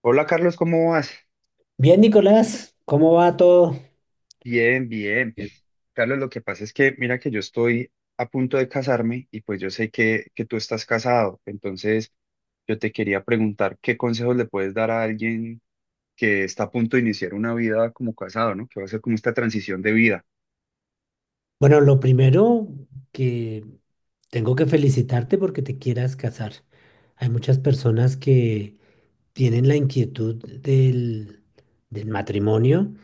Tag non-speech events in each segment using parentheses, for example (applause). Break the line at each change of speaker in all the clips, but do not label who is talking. Hola Carlos, ¿cómo vas?
Bien, Nicolás, ¿cómo va todo?
Bien, bien. Carlos, lo que pasa es que mira que yo estoy a punto de casarme y pues yo sé que tú estás casado, entonces yo te quería preguntar qué consejos le puedes dar a alguien que está a punto de iniciar una vida como casado, ¿no? Que va a ser como esta transición de vida.
Bueno, lo primero que tengo que felicitarte porque te quieras casar. Hay muchas personas que tienen la inquietud del, del matrimonio,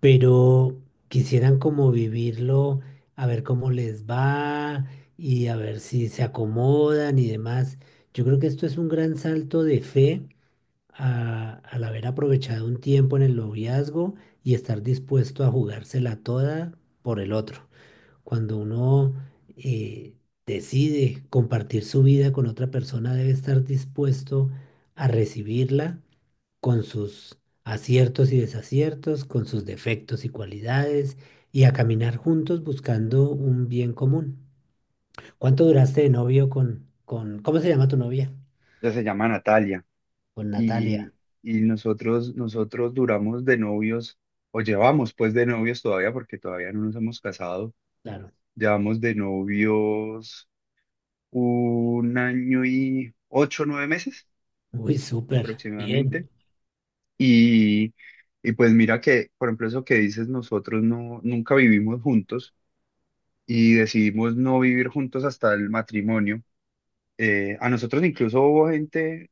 pero quisieran como vivirlo, a ver cómo les va y a ver si se acomodan y demás. Yo creo que esto es un gran salto de fe al haber aprovechado un tiempo en el noviazgo y estar dispuesto a jugársela toda por el otro. Cuando uno eh, decide compartir su vida con otra persona, debe estar dispuesto a recibirla con sus aciertos y desaciertos, con sus defectos y cualidades, y a caminar juntos buscando un bien común. ¿Cuánto duraste de novio ¿cómo se llama tu novia?
Ella se llama Natalia
Con
y,
Natalia,
y nosotros duramos de novios o llevamos pues de novios todavía porque todavía no nos hemos casado.
claro.
Llevamos de novios un año y 8, o 9 meses
Uy, súper,
aproximadamente.
bien.
Y, y pues mira que, por ejemplo, eso que dices, nosotros no, nunca vivimos juntos y decidimos no vivir juntos hasta el matrimonio. A nosotros incluso hubo gente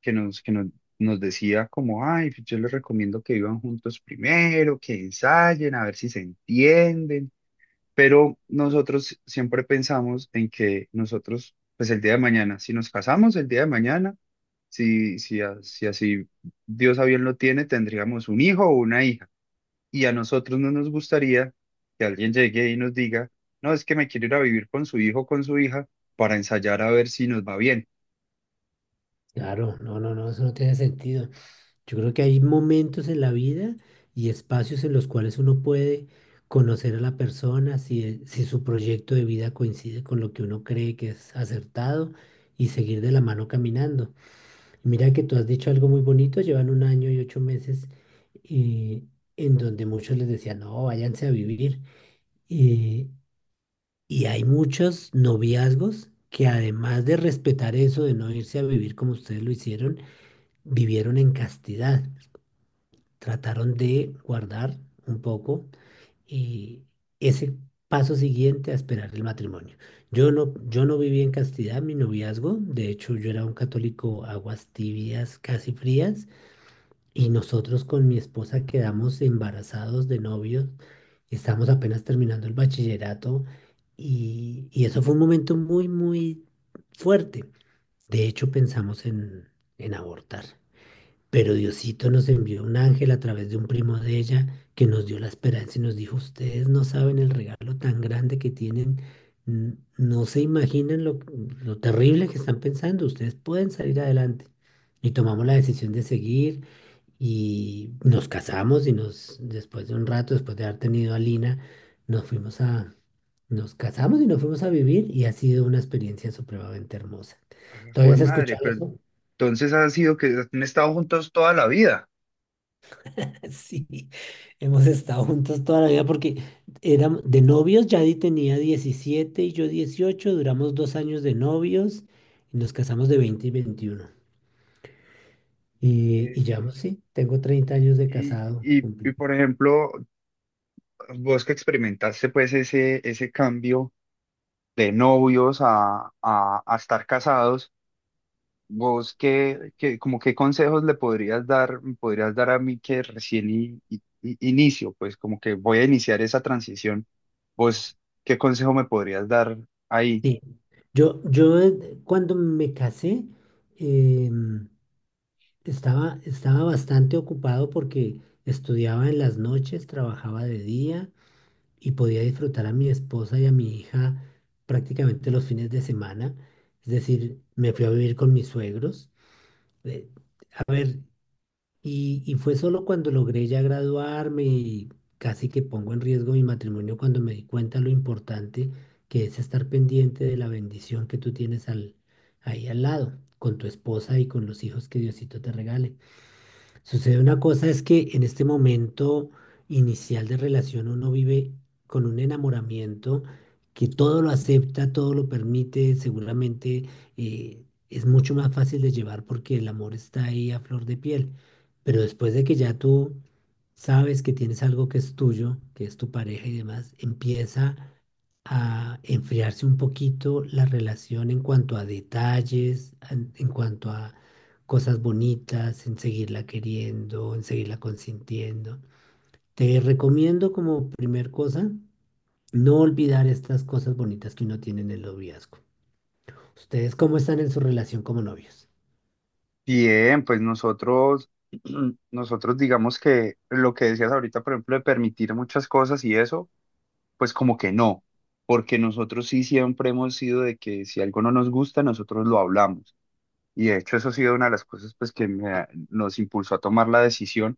que nos decía como, ay, pues yo les recomiendo que vivan juntos primero, que ensayen, a ver si se entienden. Pero nosotros siempre pensamos en que nosotros, pues el día de mañana, si nos casamos el día de mañana, si así Dios a bien lo tiene, tendríamos un hijo o una hija. Y a nosotros no nos gustaría que alguien llegue y nos diga, no, es que me quiero ir a vivir con su hijo o con su hija para ensayar a ver si nos va bien.
Claro, no, no, no, eso no tiene sentido. Yo creo que hay momentos en la vida y espacios en los cuales uno puede conocer a la persona si, si su proyecto de vida coincide con lo que uno cree que es acertado y seguir de la mano caminando. Mira que tú has dicho algo muy bonito, llevan un año y 8 meses eh, en donde muchos les decían, no, váyanse a vivir. Eh, y hay muchos noviazgos que además de respetar eso, de no irse a vivir como ustedes lo hicieron, vivieron en castidad, trataron de guardar un poco eh, ese paso siguiente a esperar el matrimonio. Yo no viví en castidad mi noviazgo, de hecho yo era un católico aguas tibias, casi frías, y nosotros con mi esposa quedamos embarazados de novios, estamos apenas terminando el bachillerato y eso fue un momento muy, muy fuerte. De hecho pensamos en abortar. Pero Diosito nos envió un ángel a través de un primo de ella que nos dio la esperanza y nos dijo, ustedes no saben el regalo tan grande que tienen, no se imaginan lo terrible que están pensando, ustedes pueden salir adelante. Y tomamos la decisión de seguir y nos casamos después de un rato, después de haber tenido a Lina, nos fuimos a, nos casamos y nos fuimos a vivir y ha sido una experiencia supremamente hermosa.
Ah,
¿Todavía
jue
has
madre,
escuchado
pero
eso?
entonces ha sido que han estado juntos toda la vida.
(laughs) Sí, hemos estado juntos toda la vida porque éramos de novios, Yadi tenía 17 y yo 18. Duramos 2 años de novios y nos casamos de 20 y 21. Y,
Eh,
y ya, sí, tengo 30 años de
y,
casado.
y,
Cumplí.
por ejemplo, vos que experimentaste pues ese cambio de novios a estar casados. Vos, como qué consejos le podrías dar, me podrías dar a mí que recién inicio, pues como que voy a iniciar esa transición. Vos, ¿qué consejo me podrías dar ahí?
Sí, yo cuando me casé em, estaba bastante ocupado porque estudiaba en las noches, trabajaba de día y podía disfrutar a mi esposa y a mi hija prácticamente los fines de semana. Es decir, me fui a vivir con mis suegros. Eh, a ver, y fue solo cuando logré ya graduarme y casi que pongo en riesgo mi matrimonio cuando me di cuenta lo importante que es estar pendiente de la bendición que tú tienes ahí al lado, con tu esposa y con los hijos que Diosito te regale. Sucede una cosa es que en este momento inicial de relación uno vive con un enamoramiento que todo lo acepta, todo lo permite, seguramente eh, es mucho más fácil de llevar porque el amor está ahí a flor de piel. Pero después de que ya tú sabes que tienes algo que es tuyo, que es tu pareja y demás, empieza a enfriarse un poquito la relación en cuanto a detalles, cuanto a cosas bonitas, en seguirla queriendo, en seguirla consintiendo. Te recomiendo como primer cosa no olvidar estas cosas bonitas que uno tiene en el noviazgo. ¿Ustedes cómo están en su relación como novios?
Bien, pues nosotros, (clears throat) nosotros digamos que lo que decías ahorita, por ejemplo, de permitir muchas cosas y eso, pues como que no, porque nosotros sí siempre hemos sido de que si algo no nos gusta, nosotros lo hablamos. Y de hecho eso ha sido una de las cosas pues que me nos impulsó a tomar la decisión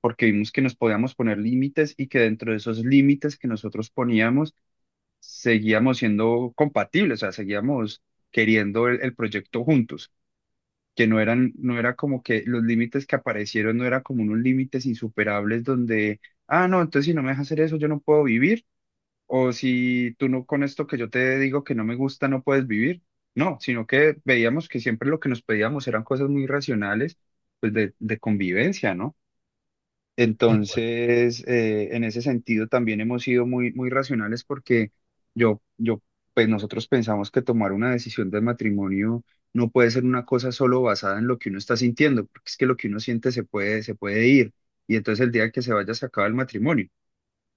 porque vimos que nos podíamos poner límites y que dentro de esos límites que nosotros poníamos seguíamos siendo compatibles, o sea, seguíamos queriendo el proyecto juntos, que no eran, no era como que los límites que aparecieron no eran como unos límites insuperables donde, ah, no, entonces si no me dejas hacer eso, yo no puedo vivir, o si tú no con esto que yo te digo que no me gusta, no puedes vivir. No, sino que veíamos que siempre lo que nos pedíamos eran cosas muy racionales, pues de convivencia, ¿no?
De acuerdo,
Entonces, en ese sentido también hemos sido muy, muy racionales porque yo, pues nosotros pensamos que tomar una decisión del matrimonio no puede ser una cosa solo basada en lo que uno está sintiendo, porque es que lo que uno siente se puede ir y entonces el día que se vaya se acaba el matrimonio.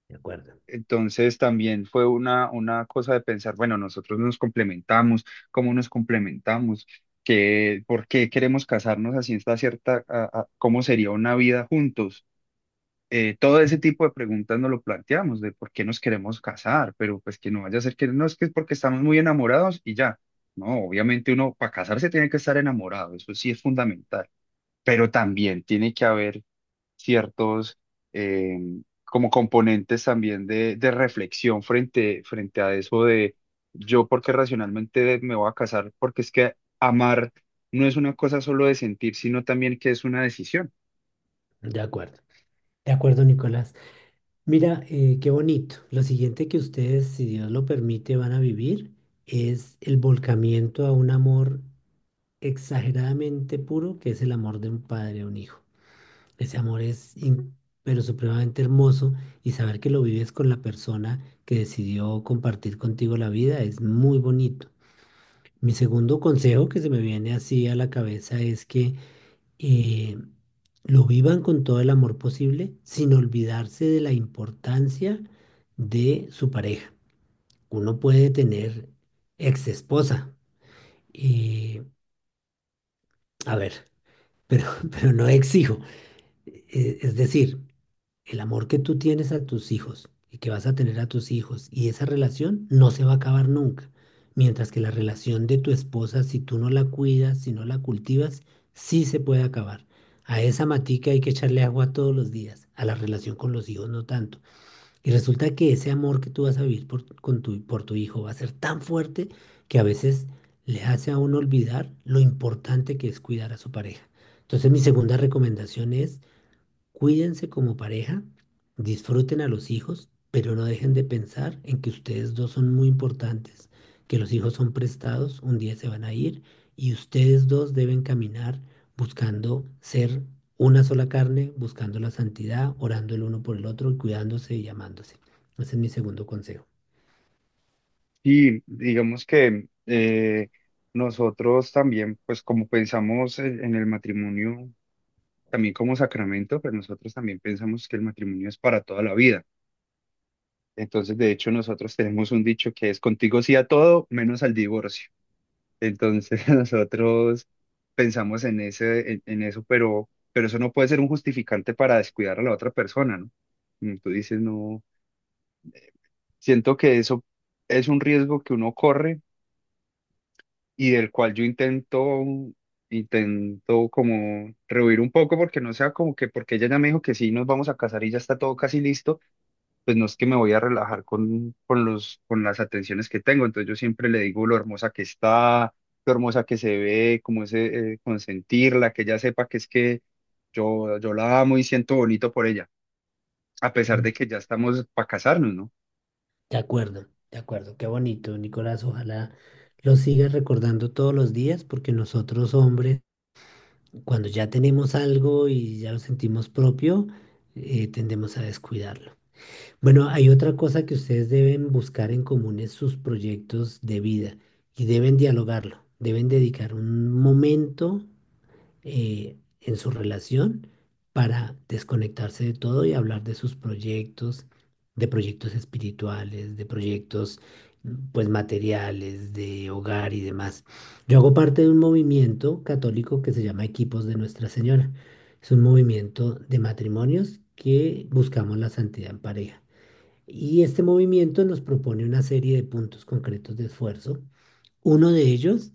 de acuerdo,
Entonces también fue una cosa de pensar, bueno, nosotros nos complementamos, ¿cómo nos complementamos? ¿Qué, por qué queremos casarnos así esta cierta, cómo sería una vida juntos? Todo ese tipo de preguntas nos lo planteamos, de por qué nos queremos casar, pero pues que no vaya a ser que no es que es porque estamos muy enamorados y ya. No, obviamente uno para casarse tiene que estar enamorado, eso sí es fundamental, pero también tiene que haber ciertos eh, como componentes también de reflexión frente a eso de yo porque racionalmente me voy a casar, porque es que amar no es una cosa solo de sentir, sino también que es una decisión.
de acuerdo. De acuerdo, Nicolás. Mira, qué bonito. Lo siguiente que ustedes, si Dios lo permite, van a vivir es el volcamiento a un amor exageradamente puro que es el amor de un padre a un hijo. Ese amor es pero supremamente hermoso, y saber que lo vives con la persona que decidió compartir contigo la vida es muy bonito. Mi segundo consejo que se me viene así a la cabeza es que eh, lo vivan con todo el amor posible sin olvidarse de la importancia de su pareja. Uno puede tener ex esposa y, a ver, pero, (laughs) pero no ex hijo. Es decir, el amor que tú tienes a tus hijos y que vas a tener a tus hijos y esa relación no se va a acabar nunca. Mientras que la relación de tu esposa, si tú no la cuidas, si no la cultivas, sí se puede acabar. A esa matica hay que echarle agua todos los días, a la relación con los hijos no tanto. Y resulta que ese amor que tú vas a vivir por tu hijo va a ser tan fuerte que a veces le hace a uno olvidar lo importante que es cuidar a su pareja. Entonces mi segunda recomendación es: cuídense como pareja, disfruten a los hijos, pero no dejen de pensar en que ustedes dos son muy importantes, que los hijos son prestados, un día se van a ir y ustedes dos deben caminar buscando ser una sola carne, buscando la santidad, orando el uno por el otro, cuidándose y amándose. Ese es mi segundo consejo.
Y digamos que nosotros también, pues como pensamos en el matrimonio, también como sacramento, pero nosotros también pensamos que el matrimonio es para toda la vida. Entonces, de hecho, nosotros tenemos un dicho que es contigo sí a todo, menos al divorcio. Entonces, (laughs) nosotros pensamos en ese, en eso, pero eso no puede ser un justificante para descuidar a la otra persona, ¿no? Como tú dices, no, siento que eso es un riesgo que uno corre y del cual yo intento como rehuir un poco porque no sea como que porque ella ya me dijo que sí, nos vamos a casar y ya está todo casi listo, pues no es que me voy a relajar con las atenciones que tengo, entonces yo siempre le digo lo hermosa que está, lo hermosa que se ve, como ese consentirla, que ella sepa que es que yo la amo y siento bonito por ella, a pesar
Mm.
de que ya estamos para casarnos, ¿no?
De acuerdo, de acuerdo, qué bonito, Nicolás. Ojalá lo sigas recordando todos los días porque nosotros hombres... Cuando ya tenemos algo y ya lo sentimos propio, tendemos a descuidarlo. Bueno, hay otra cosa que ustedes deben buscar en común es sus proyectos de vida y deben dialogarlo. Deben dedicar un momento en su relación para desconectarse de todo y hablar de sus proyectos, de proyectos espirituales, de proyectos pues materiales, de hogar y demás. Yo hago parte de un movimiento católico que se llama Equipos de Nuestra Señora. Es un movimiento de matrimonios que buscamos la santidad en pareja. Y este movimiento nos propone una serie de puntos concretos de esfuerzo. Uno de ellos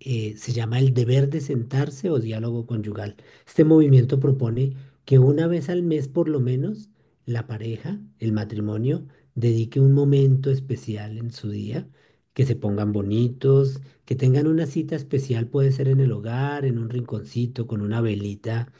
se llama el deber de sentarse o diálogo conyugal. Este movimiento propone que una vez al mes por lo menos la pareja, el matrimonio, dedique un momento especial en su día, que se pongan bonitos, que tengan una cita especial, puede ser en el hogar, en un rinconcito, con una velita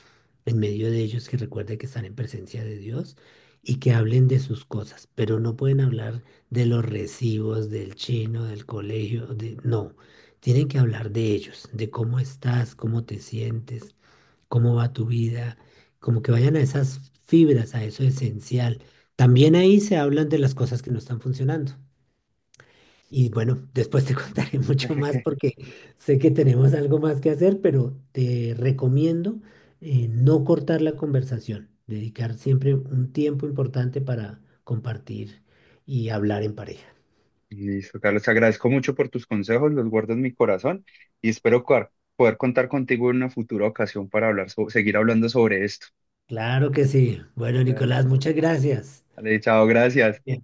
en medio de ellos que recuerden que están en presencia de Dios y que hablen de sus cosas, pero no pueden hablar de los recibos, del chino, del colegio, de... no, tienen que hablar de ellos, de cómo estás, cómo te sientes, cómo va tu vida, como que vayan a esas fibras, a eso esencial. También ahí se hablan de las cosas que no están funcionando. Y bueno, después te (laughs) contaré mucho más porque sé que tenemos algo más que hacer, pero te recomiendo no cortar la conversación, dedicar siempre un tiempo importante para compartir y hablar en pareja.
Listo, Carlos, te agradezco mucho por tus consejos, los guardo en mi corazón y espero poder contar contigo en una futura ocasión para hablar, seguir hablando sobre esto.
Claro que sí. Bueno, Nicolás,
Dale,
muchas gracias.
dale, chao, gracias.
Bien.